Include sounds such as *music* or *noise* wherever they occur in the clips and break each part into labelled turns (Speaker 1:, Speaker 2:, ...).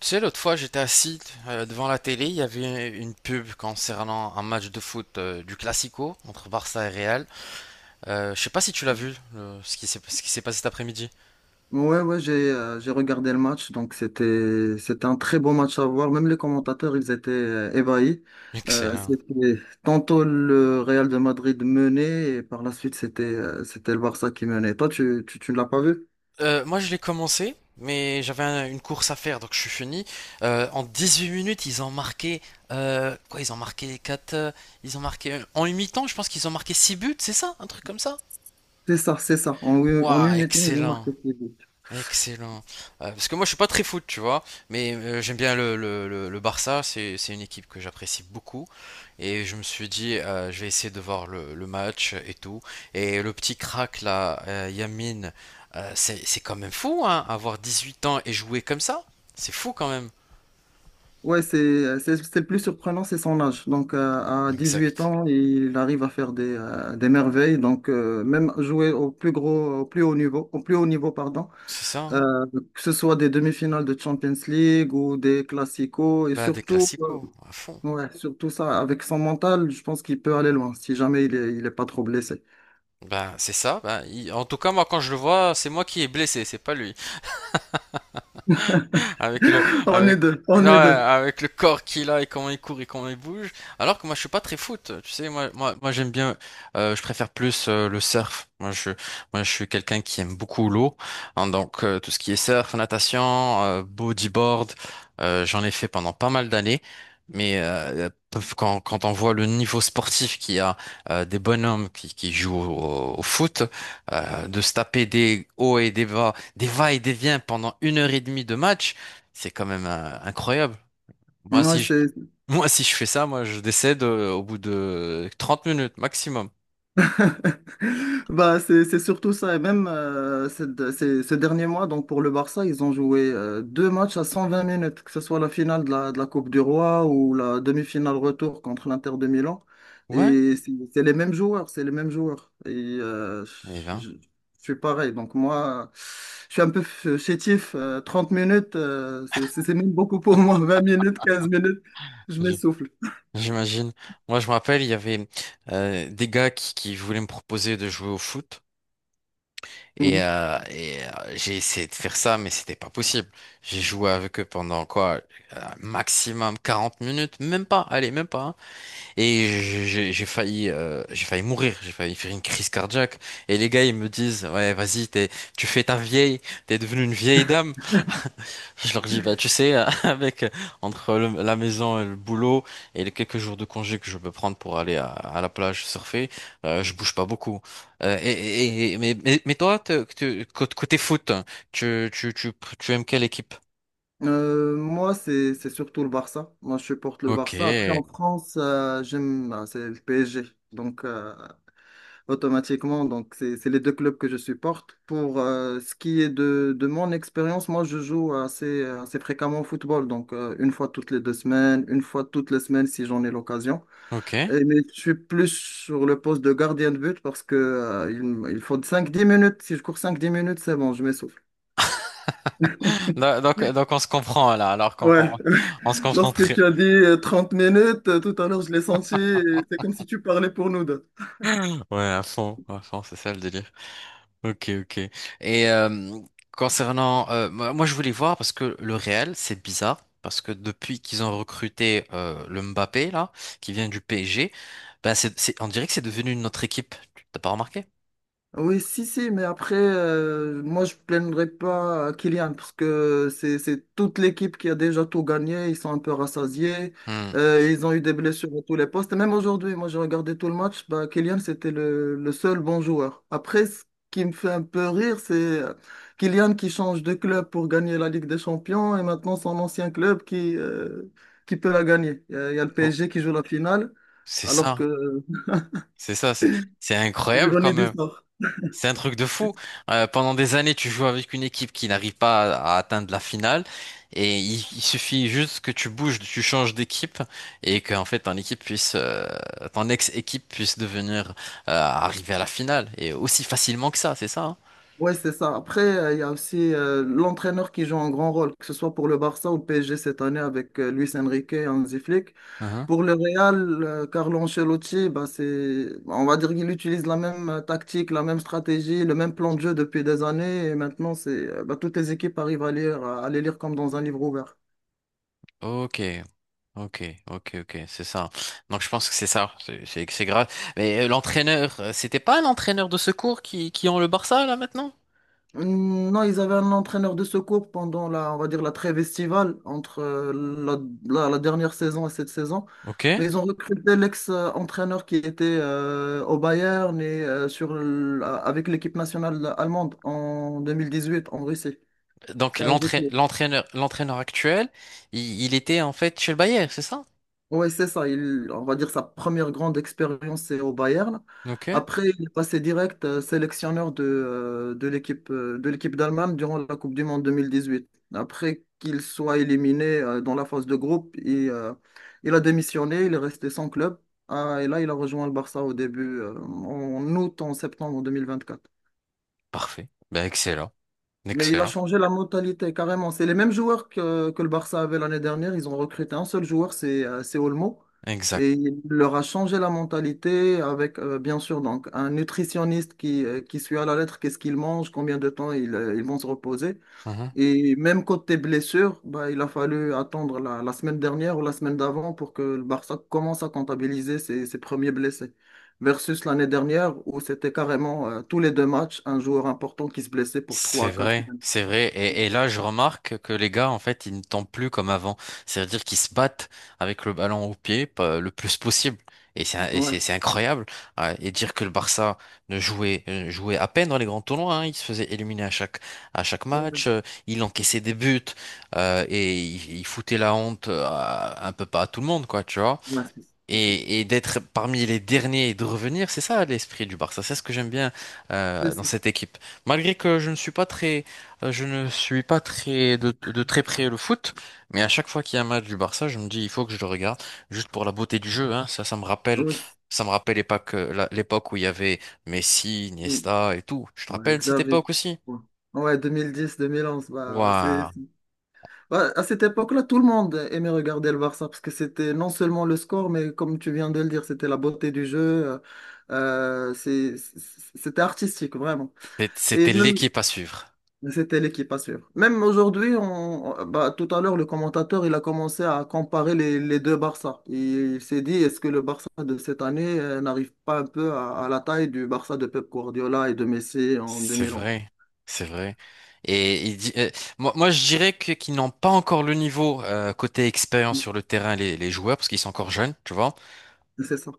Speaker 1: Tu sais, l'autre fois, j'étais assis devant la télé, il y avait une pub concernant un match de foot, du Classico entre Barça et Real. Je sais pas si tu l'as vu, ce qui ce qui s'est passé cet après-midi.
Speaker 2: Ouais, ouais, j'ai regardé le match, donc c'était un très beau match à voir. Même les commentateurs, ils étaient ébahis.
Speaker 1: Excellent.
Speaker 2: C'était tantôt le Real de Madrid menait et par la suite c'était le Barça qui menait. Toi, tu ne l'as pas vu?
Speaker 1: Moi, je l'ai commencé, mais j'avais une course à faire, donc je suis fini. En 18 minutes, ils ont marqué… quoi, ils ont marqué 4. Ils ont marqué… En une mi-temps, je pense qu'ils ont marqué 6 buts, c'est ça? Un truc comme ça?
Speaker 2: C'est ça, c'est ça. En
Speaker 1: Waouh,
Speaker 2: une minute, ils ont
Speaker 1: excellent.
Speaker 2: marqué six buts.
Speaker 1: Excellent. Parce que moi, je suis pas très foot, tu vois, mais j'aime bien le Barça. C'est une équipe que j'apprécie beaucoup. Et je me suis dit, je vais essayer de voir le match et tout. Et le petit crack là, Yamine, c'est quand même fou, hein, avoir 18 ans et jouer comme ça. C'est fou quand même.
Speaker 2: Ouais, c'est le plus surprenant, c'est son âge. Donc à huit
Speaker 1: Exact.
Speaker 2: ans, il arrive à faire des merveilles. Donc même jouer au plus gros, au plus haut niveau, au plus haut niveau, pardon.
Speaker 1: C'est ça,
Speaker 2: Euh,
Speaker 1: hein.
Speaker 2: que ce soit des demi-finales de Champions League ou des classicos, et
Speaker 1: Ben, des
Speaker 2: surtout,
Speaker 1: classicos, à fond.
Speaker 2: ouais, surtout ça, avec son mental, je pense qu'il peut aller loin, si jamais il est pas trop blessé.
Speaker 1: Ben, c'est ça. En tout cas, moi, quand je le vois, c'est moi qui est blessé, c'est pas lui. Avec le,
Speaker 2: *laughs* On est
Speaker 1: avec,
Speaker 2: deux,
Speaker 1: ouais,
Speaker 2: on est deux.
Speaker 1: avec le corps qu'il a et comment il court et comment il bouge. Alors que moi, je suis pas très foot. Tu sais, moi, j'aime bien. Je préfère plus, le surf. Moi, je suis quelqu'un qui aime beaucoup l'eau, hein. Donc, tout ce qui est surf, natation, bodyboard, j'en ai fait pendant pas mal d'années. Mais quand on voit le niveau sportif qu'il y a, des bonhommes qui jouent au foot, de se taper des hauts et des bas, des va et des viens pendant une heure et demie de match. C'est quand même, incroyable. Moi,
Speaker 2: Ouais,
Speaker 1: si je,
Speaker 2: c'est
Speaker 1: moi, si je fais ça, moi, je décède, au bout de 30 minutes maximum.
Speaker 2: *laughs* Bah, c'est surtout ça. Et même ces derniers mois, donc pour le Barça, ils ont joué deux matchs à 120 minutes, que ce soit la finale de la Coupe du Roi ou la demi-finale retour contre l'Inter de Milan.
Speaker 1: Ouais.
Speaker 2: Et c'est les mêmes joueurs, c'est les mêmes joueurs. Et euh,
Speaker 1: Et
Speaker 2: je,
Speaker 1: ben,
Speaker 2: je suis pareil. Donc moi, je suis un peu chétif. 30 minutes, c'est même beaucoup pour moi. 20 minutes, 15 minutes, je
Speaker 1: j-
Speaker 2: m'essouffle.
Speaker 1: j'imagine. Moi, je me rappelle, il y avait des gars qui voulaient me proposer de jouer au foot. Et,
Speaker 2: Mhm.
Speaker 1: euh, et, euh, j'ai essayé de faire ça, mais c'était pas possible. J'ai joué avec eux pendant quoi? Maximum 40 minutes, même pas. Allez, même pas, hein. Et failli, j'ai failli mourir, j'ai failli faire une crise cardiaque. Et les gars, ils me disent, ouais, tu fais ta vieille, t'es devenue une vieille dame. *laughs* Je leur dis, bah, tu sais, *laughs* avec entre la maison et le boulot et les quelques jours de congé que je peux prendre pour aller à la plage surfer, je bouge pas beaucoup. Mais, mais toi, côté foot, tu, tu, tu, tu aimes quelle équipe?
Speaker 2: Moi, c'est surtout le Barça. Moi, je supporte le
Speaker 1: Ok,
Speaker 2: Barça. Après, en France, j'aime, ah, c'est le PSG. Donc, automatiquement, donc c'est les deux clubs que je supporte. Pour ce qui est de mon expérience, moi, je joue assez fréquemment au football. Donc, une fois toutes les 2 semaines, une fois toutes les semaines si j'en ai l'occasion.
Speaker 1: ok.
Speaker 2: Mais je suis plus sur le poste de gardien de but parce que il faut cinq dix minutes. Si je cours cinq dix minutes, c'est bon, je m'essouffle.
Speaker 1: Donc on se comprend là, alors
Speaker 2: Ouais,
Speaker 1: on se
Speaker 2: *laughs*
Speaker 1: comprend
Speaker 2: lorsque
Speaker 1: très,
Speaker 2: tu as dit 30 minutes, tout à l'heure je l'ai senti, et c'est comme si tu parlais pour nous deux.
Speaker 1: ouais, à fond, c'est ça le délire. Ok, ok. Et concernant, je voulais voir parce que le Real, c'est bizarre parce que depuis qu'ils ont recruté, le Mbappé là, qui vient du PSG, ben c'est, on dirait que c'est devenu une autre équipe. T'as pas remarqué?
Speaker 2: Oui, si, si, mais après, moi, je plaindrai pas à Kylian parce que c'est toute l'équipe qui a déjà tout gagné. Ils sont un peu rassasiés.
Speaker 1: Hmm.
Speaker 2: Ils ont eu des blessures à tous les postes. Et même aujourd'hui, moi, j'ai regardé tout le match. Bah, Kylian, c'était le seul bon joueur. Après, ce qui me fait un peu rire, c'est euh, Kylian qui change de club pour gagner la Ligue des Champions et maintenant son ancien club qui peut la gagner. Il y a le
Speaker 1: Oh,
Speaker 2: PSG qui joue la finale,
Speaker 1: c'est
Speaker 2: alors que
Speaker 1: ça, c'est ça, c'est incroyable quand
Speaker 2: l'ironie du
Speaker 1: même.
Speaker 2: sort.
Speaker 1: C'est un truc de fou. Pendant des années, tu joues avec une équipe qui n'arrive pas à atteindre la finale, et il suffit juste que tu bouges, tu changes d'équipe, et qu'en fait ton équipe puisse, ton ex-équipe puisse devenir, arriver à la finale, et aussi facilement que ça, c'est ça, hein.
Speaker 2: Ouais, c'est ça. Après, il y a aussi l'entraîneur qui joue un grand rôle, que ce soit pour le Barça ou le PSG cette année avec Luis Enrique et Hansi Flick.
Speaker 1: Mhm.
Speaker 2: Pour le Real, Carlo Ancelotti, bah, c'est, on va dire qu'il utilise la même tactique, la même stratégie, le même plan de jeu depuis des années. Et maintenant, bah, toutes les équipes arrivent à les lire comme dans un livre ouvert.
Speaker 1: Ok, ok, ok, ok, c'est ça. Donc je pense que c'est ça, c'est grave. Mais l'entraîneur, c'était pas l'entraîneur de secours qui ont le Barça là maintenant?
Speaker 2: Non, ils avaient un entraîneur de secours pendant la, on va dire, la trêve estivale entre la dernière saison et cette saison.
Speaker 1: Ok.
Speaker 2: Mais ils ont recruté l'ex-entraîneur qui était au Bayern et avec l'équipe nationale allemande en 2018 en Russie.
Speaker 1: Donc
Speaker 2: C'est un zip
Speaker 1: l'entraîneur actuel, il était en fait chez le Bayern, c'est ça?
Speaker 2: Oui, c'est ça. Il, on va dire sa première grande expérience, c'est au Bayern.
Speaker 1: Ok,
Speaker 2: Après, il est passé direct sélectionneur de l'équipe d'Allemagne durant la Coupe du Monde 2018. Après qu'il soit éliminé dans la phase de groupe, il a démissionné, il est resté sans club. Ah, et là, il a rejoint le Barça au début, en août, en septembre 2024.
Speaker 1: parfait. Ben excellent,
Speaker 2: Mais il a
Speaker 1: excellent,
Speaker 2: changé la mentalité carrément. C'est les mêmes joueurs que le Barça avait l'année dernière. Ils ont recruté un seul joueur, c'est Olmo.
Speaker 1: exact.
Speaker 2: Et il leur a changé la mentalité avec, bien sûr, donc un nutritionniste qui suit à la lettre qu'est-ce qu'ils mangent, combien de temps ils vont se reposer.
Speaker 1: Mhm.
Speaker 2: Et même côté blessure, bah, il a fallu attendre la semaine dernière ou la semaine d'avant pour que le Barça commence à comptabiliser ses premiers blessés. Versus l'année dernière où c'était carrément tous les deux matchs, un joueur important qui se blessait pour 3
Speaker 1: C'est
Speaker 2: à 4.
Speaker 1: vrai, c'est vrai.
Speaker 2: Ouais,
Speaker 1: Et là, je remarque que les gars, en fait, ils ne tombent plus comme avant. C'est-à-dire qu'ils se battent avec le ballon au pied le plus possible. Et c'est
Speaker 2: ouais,
Speaker 1: incroyable. Ah, et dire que le Barça ne jouait, jouait à peine dans les grands tournois, hein. Il se faisait éliminer à chaque
Speaker 2: ouais,
Speaker 1: match. Il encaissait des buts, et il foutait la honte, un peu pas à tout le monde, quoi, tu vois.
Speaker 2: ouais, c'est ça.
Speaker 1: Et d'être parmi les derniers et de revenir, c'est ça l'esprit du Barça. C'est ce que j'aime bien,
Speaker 2: C'est
Speaker 1: dans
Speaker 2: ça.
Speaker 1: cette équipe. Malgré que je ne suis pas très, je ne suis pas très de très près le foot, mais à chaque fois qu'il y a un match du Barça, je me dis il faut que je le regarde juste pour la beauté du jeu, hein. Ça,
Speaker 2: Ouais,
Speaker 1: ça me rappelle l'époque, l'époque où il y avait Messi, Iniesta et tout. Je te
Speaker 2: ouais,
Speaker 1: rappelle cette
Speaker 2: Xavier.
Speaker 1: époque aussi.
Speaker 2: Ouais, ouais, 2010, 2011. Bah,
Speaker 1: Waouh,
Speaker 2: Ouais, à cette époque-là, tout le monde aimait regarder le Barça parce que c'était non seulement le score, mais comme tu viens de le dire, c'était la beauté du jeu. euh, C'était artistique, vraiment. Et
Speaker 1: C'était
Speaker 2: même,
Speaker 1: l'équipe à suivre.
Speaker 2: c'était l'équipe à suivre. Même aujourd'hui, bah, tout à l'heure, le commentateur, il a commencé à comparer les deux Barça. Il s'est dit, est-ce que le Barça de cette année n'arrive pas un peu à la taille du Barça de Pep Guardiola et de Messi en
Speaker 1: C'est
Speaker 2: 2011?
Speaker 1: vrai, c'est vrai. Et il dit, moi, je dirais qu'ils n'ont pas encore le niveau, côté expérience sur le terrain, les joueurs, parce qu'ils sont encore jeunes, tu vois.
Speaker 2: C'est ça.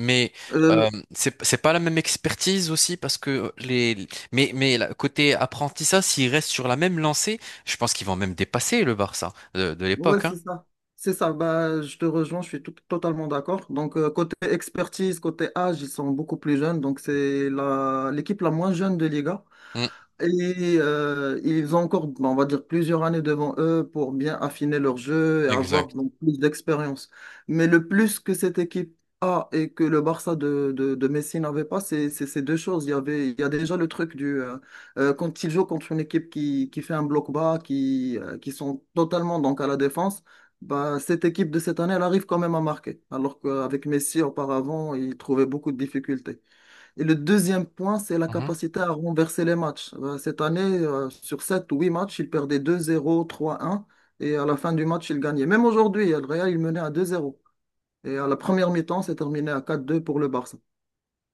Speaker 1: Mais
Speaker 2: Euh,
Speaker 1: euh, c'est pas la même expertise aussi, parce que les. Mais côté apprentissage, s'ils restent sur la même lancée, je pense qu'ils vont même dépasser le Barça de
Speaker 2: ouais,
Speaker 1: l'époque, hein.
Speaker 2: c'est ça. C'est ça. Bah, je te rejoins, je suis totalement d'accord. Donc, côté expertise, côté âge, ils sont beaucoup plus jeunes. Donc, c'est l'équipe la moins jeune de Liga.
Speaker 1: Mm,
Speaker 2: Et ils ont encore, on va dire, plusieurs années devant eux pour bien affiner leur jeu et avoir
Speaker 1: exact.
Speaker 2: donc, plus d'expérience. Mais le plus que cette équipe a et que le Barça de Messi n'avait pas, c'est ces deux choses. Il y a déjà le truc du quand ils jouent contre une équipe qui fait un bloc bas, qui sont totalement donc à la défense, bah, cette équipe de cette année, elle arrive quand même à marquer. Alors qu'avec Messi, auparavant, il trouvait beaucoup de difficultés. Et le deuxième point, c'est la
Speaker 1: Mhm.
Speaker 2: capacité à renverser les matchs. Cette année, sur 7 ou 8 matchs, il perdait 2-0, 3-1, et à la fin du match, il gagnait. Même aujourd'hui, le Real, il menait à 2-0, et à la première mi-temps, c'est terminé à 4-2 pour le Barça.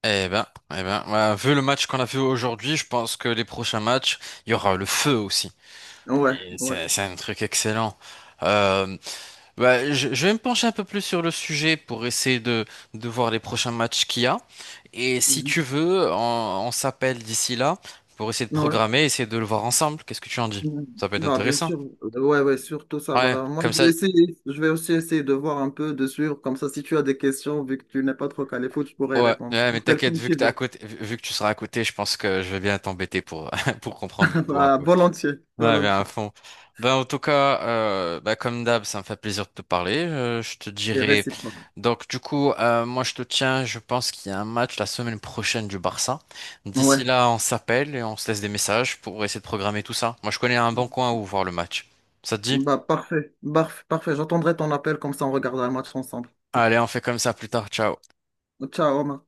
Speaker 1: Eh ben, eh ben, ouais, vu le match qu'on a vu aujourd'hui, je pense que les prochains matchs, il y aura le feu aussi.
Speaker 2: Ouais, ouais.
Speaker 1: C'est un truc excellent. Euh, Bah, je vais me pencher un peu plus sur le sujet pour essayer de voir les prochains matchs qu'il y a. Et si
Speaker 2: Mhm.
Speaker 1: tu veux, on s'appelle d'ici là pour essayer de
Speaker 2: Ouais.
Speaker 1: programmer, essayer de le voir ensemble. Qu'est-ce que tu en dis?
Speaker 2: Mhm.
Speaker 1: Ça peut être
Speaker 2: Bah, bien
Speaker 1: intéressant.
Speaker 2: sûr. Ouais, ouais, surtout ça.
Speaker 1: Ouais,
Speaker 2: Bah, moi,
Speaker 1: comme ça.
Speaker 2: je vais aussi essayer de voir un peu de suivre. Comme ça, si tu as des questions, vu que tu n'es pas trop calé foot, je pourrais
Speaker 1: Ouais,
Speaker 2: répondre. Tu
Speaker 1: ouais, mais
Speaker 2: m'appelles
Speaker 1: t'inquiète,
Speaker 2: comme
Speaker 1: vu
Speaker 2: tu
Speaker 1: que t'es à
Speaker 2: veux.
Speaker 1: côté, vu que tu seras à côté, je pense que je vais bien t'embêter pour, *laughs* pour comprendre le
Speaker 2: *laughs*
Speaker 1: tout un
Speaker 2: Bah,
Speaker 1: peu.
Speaker 2: volontiers,
Speaker 1: Ouais, bien à
Speaker 2: volontiers.
Speaker 1: fond. Ben, en tout cas, ben, comme d'hab, ça me fait plaisir de te parler. Je te
Speaker 2: C'est
Speaker 1: dirai.
Speaker 2: réciproque.
Speaker 1: Donc, du coup, moi, je te tiens. Je pense qu'il y a un match la semaine prochaine du Barça. D'ici
Speaker 2: Ouais.
Speaker 1: là, on s'appelle et on se laisse des messages pour essayer de programmer tout ça. Moi, je connais un bon coin où voir le match. Ça te dit?
Speaker 2: Bah, parfait, parfait. J'attendrai ton appel, comme ça on regardera le match ensemble.
Speaker 1: Allez, on fait comme ça plus tard. Ciao.
Speaker 2: Ciao, Omar.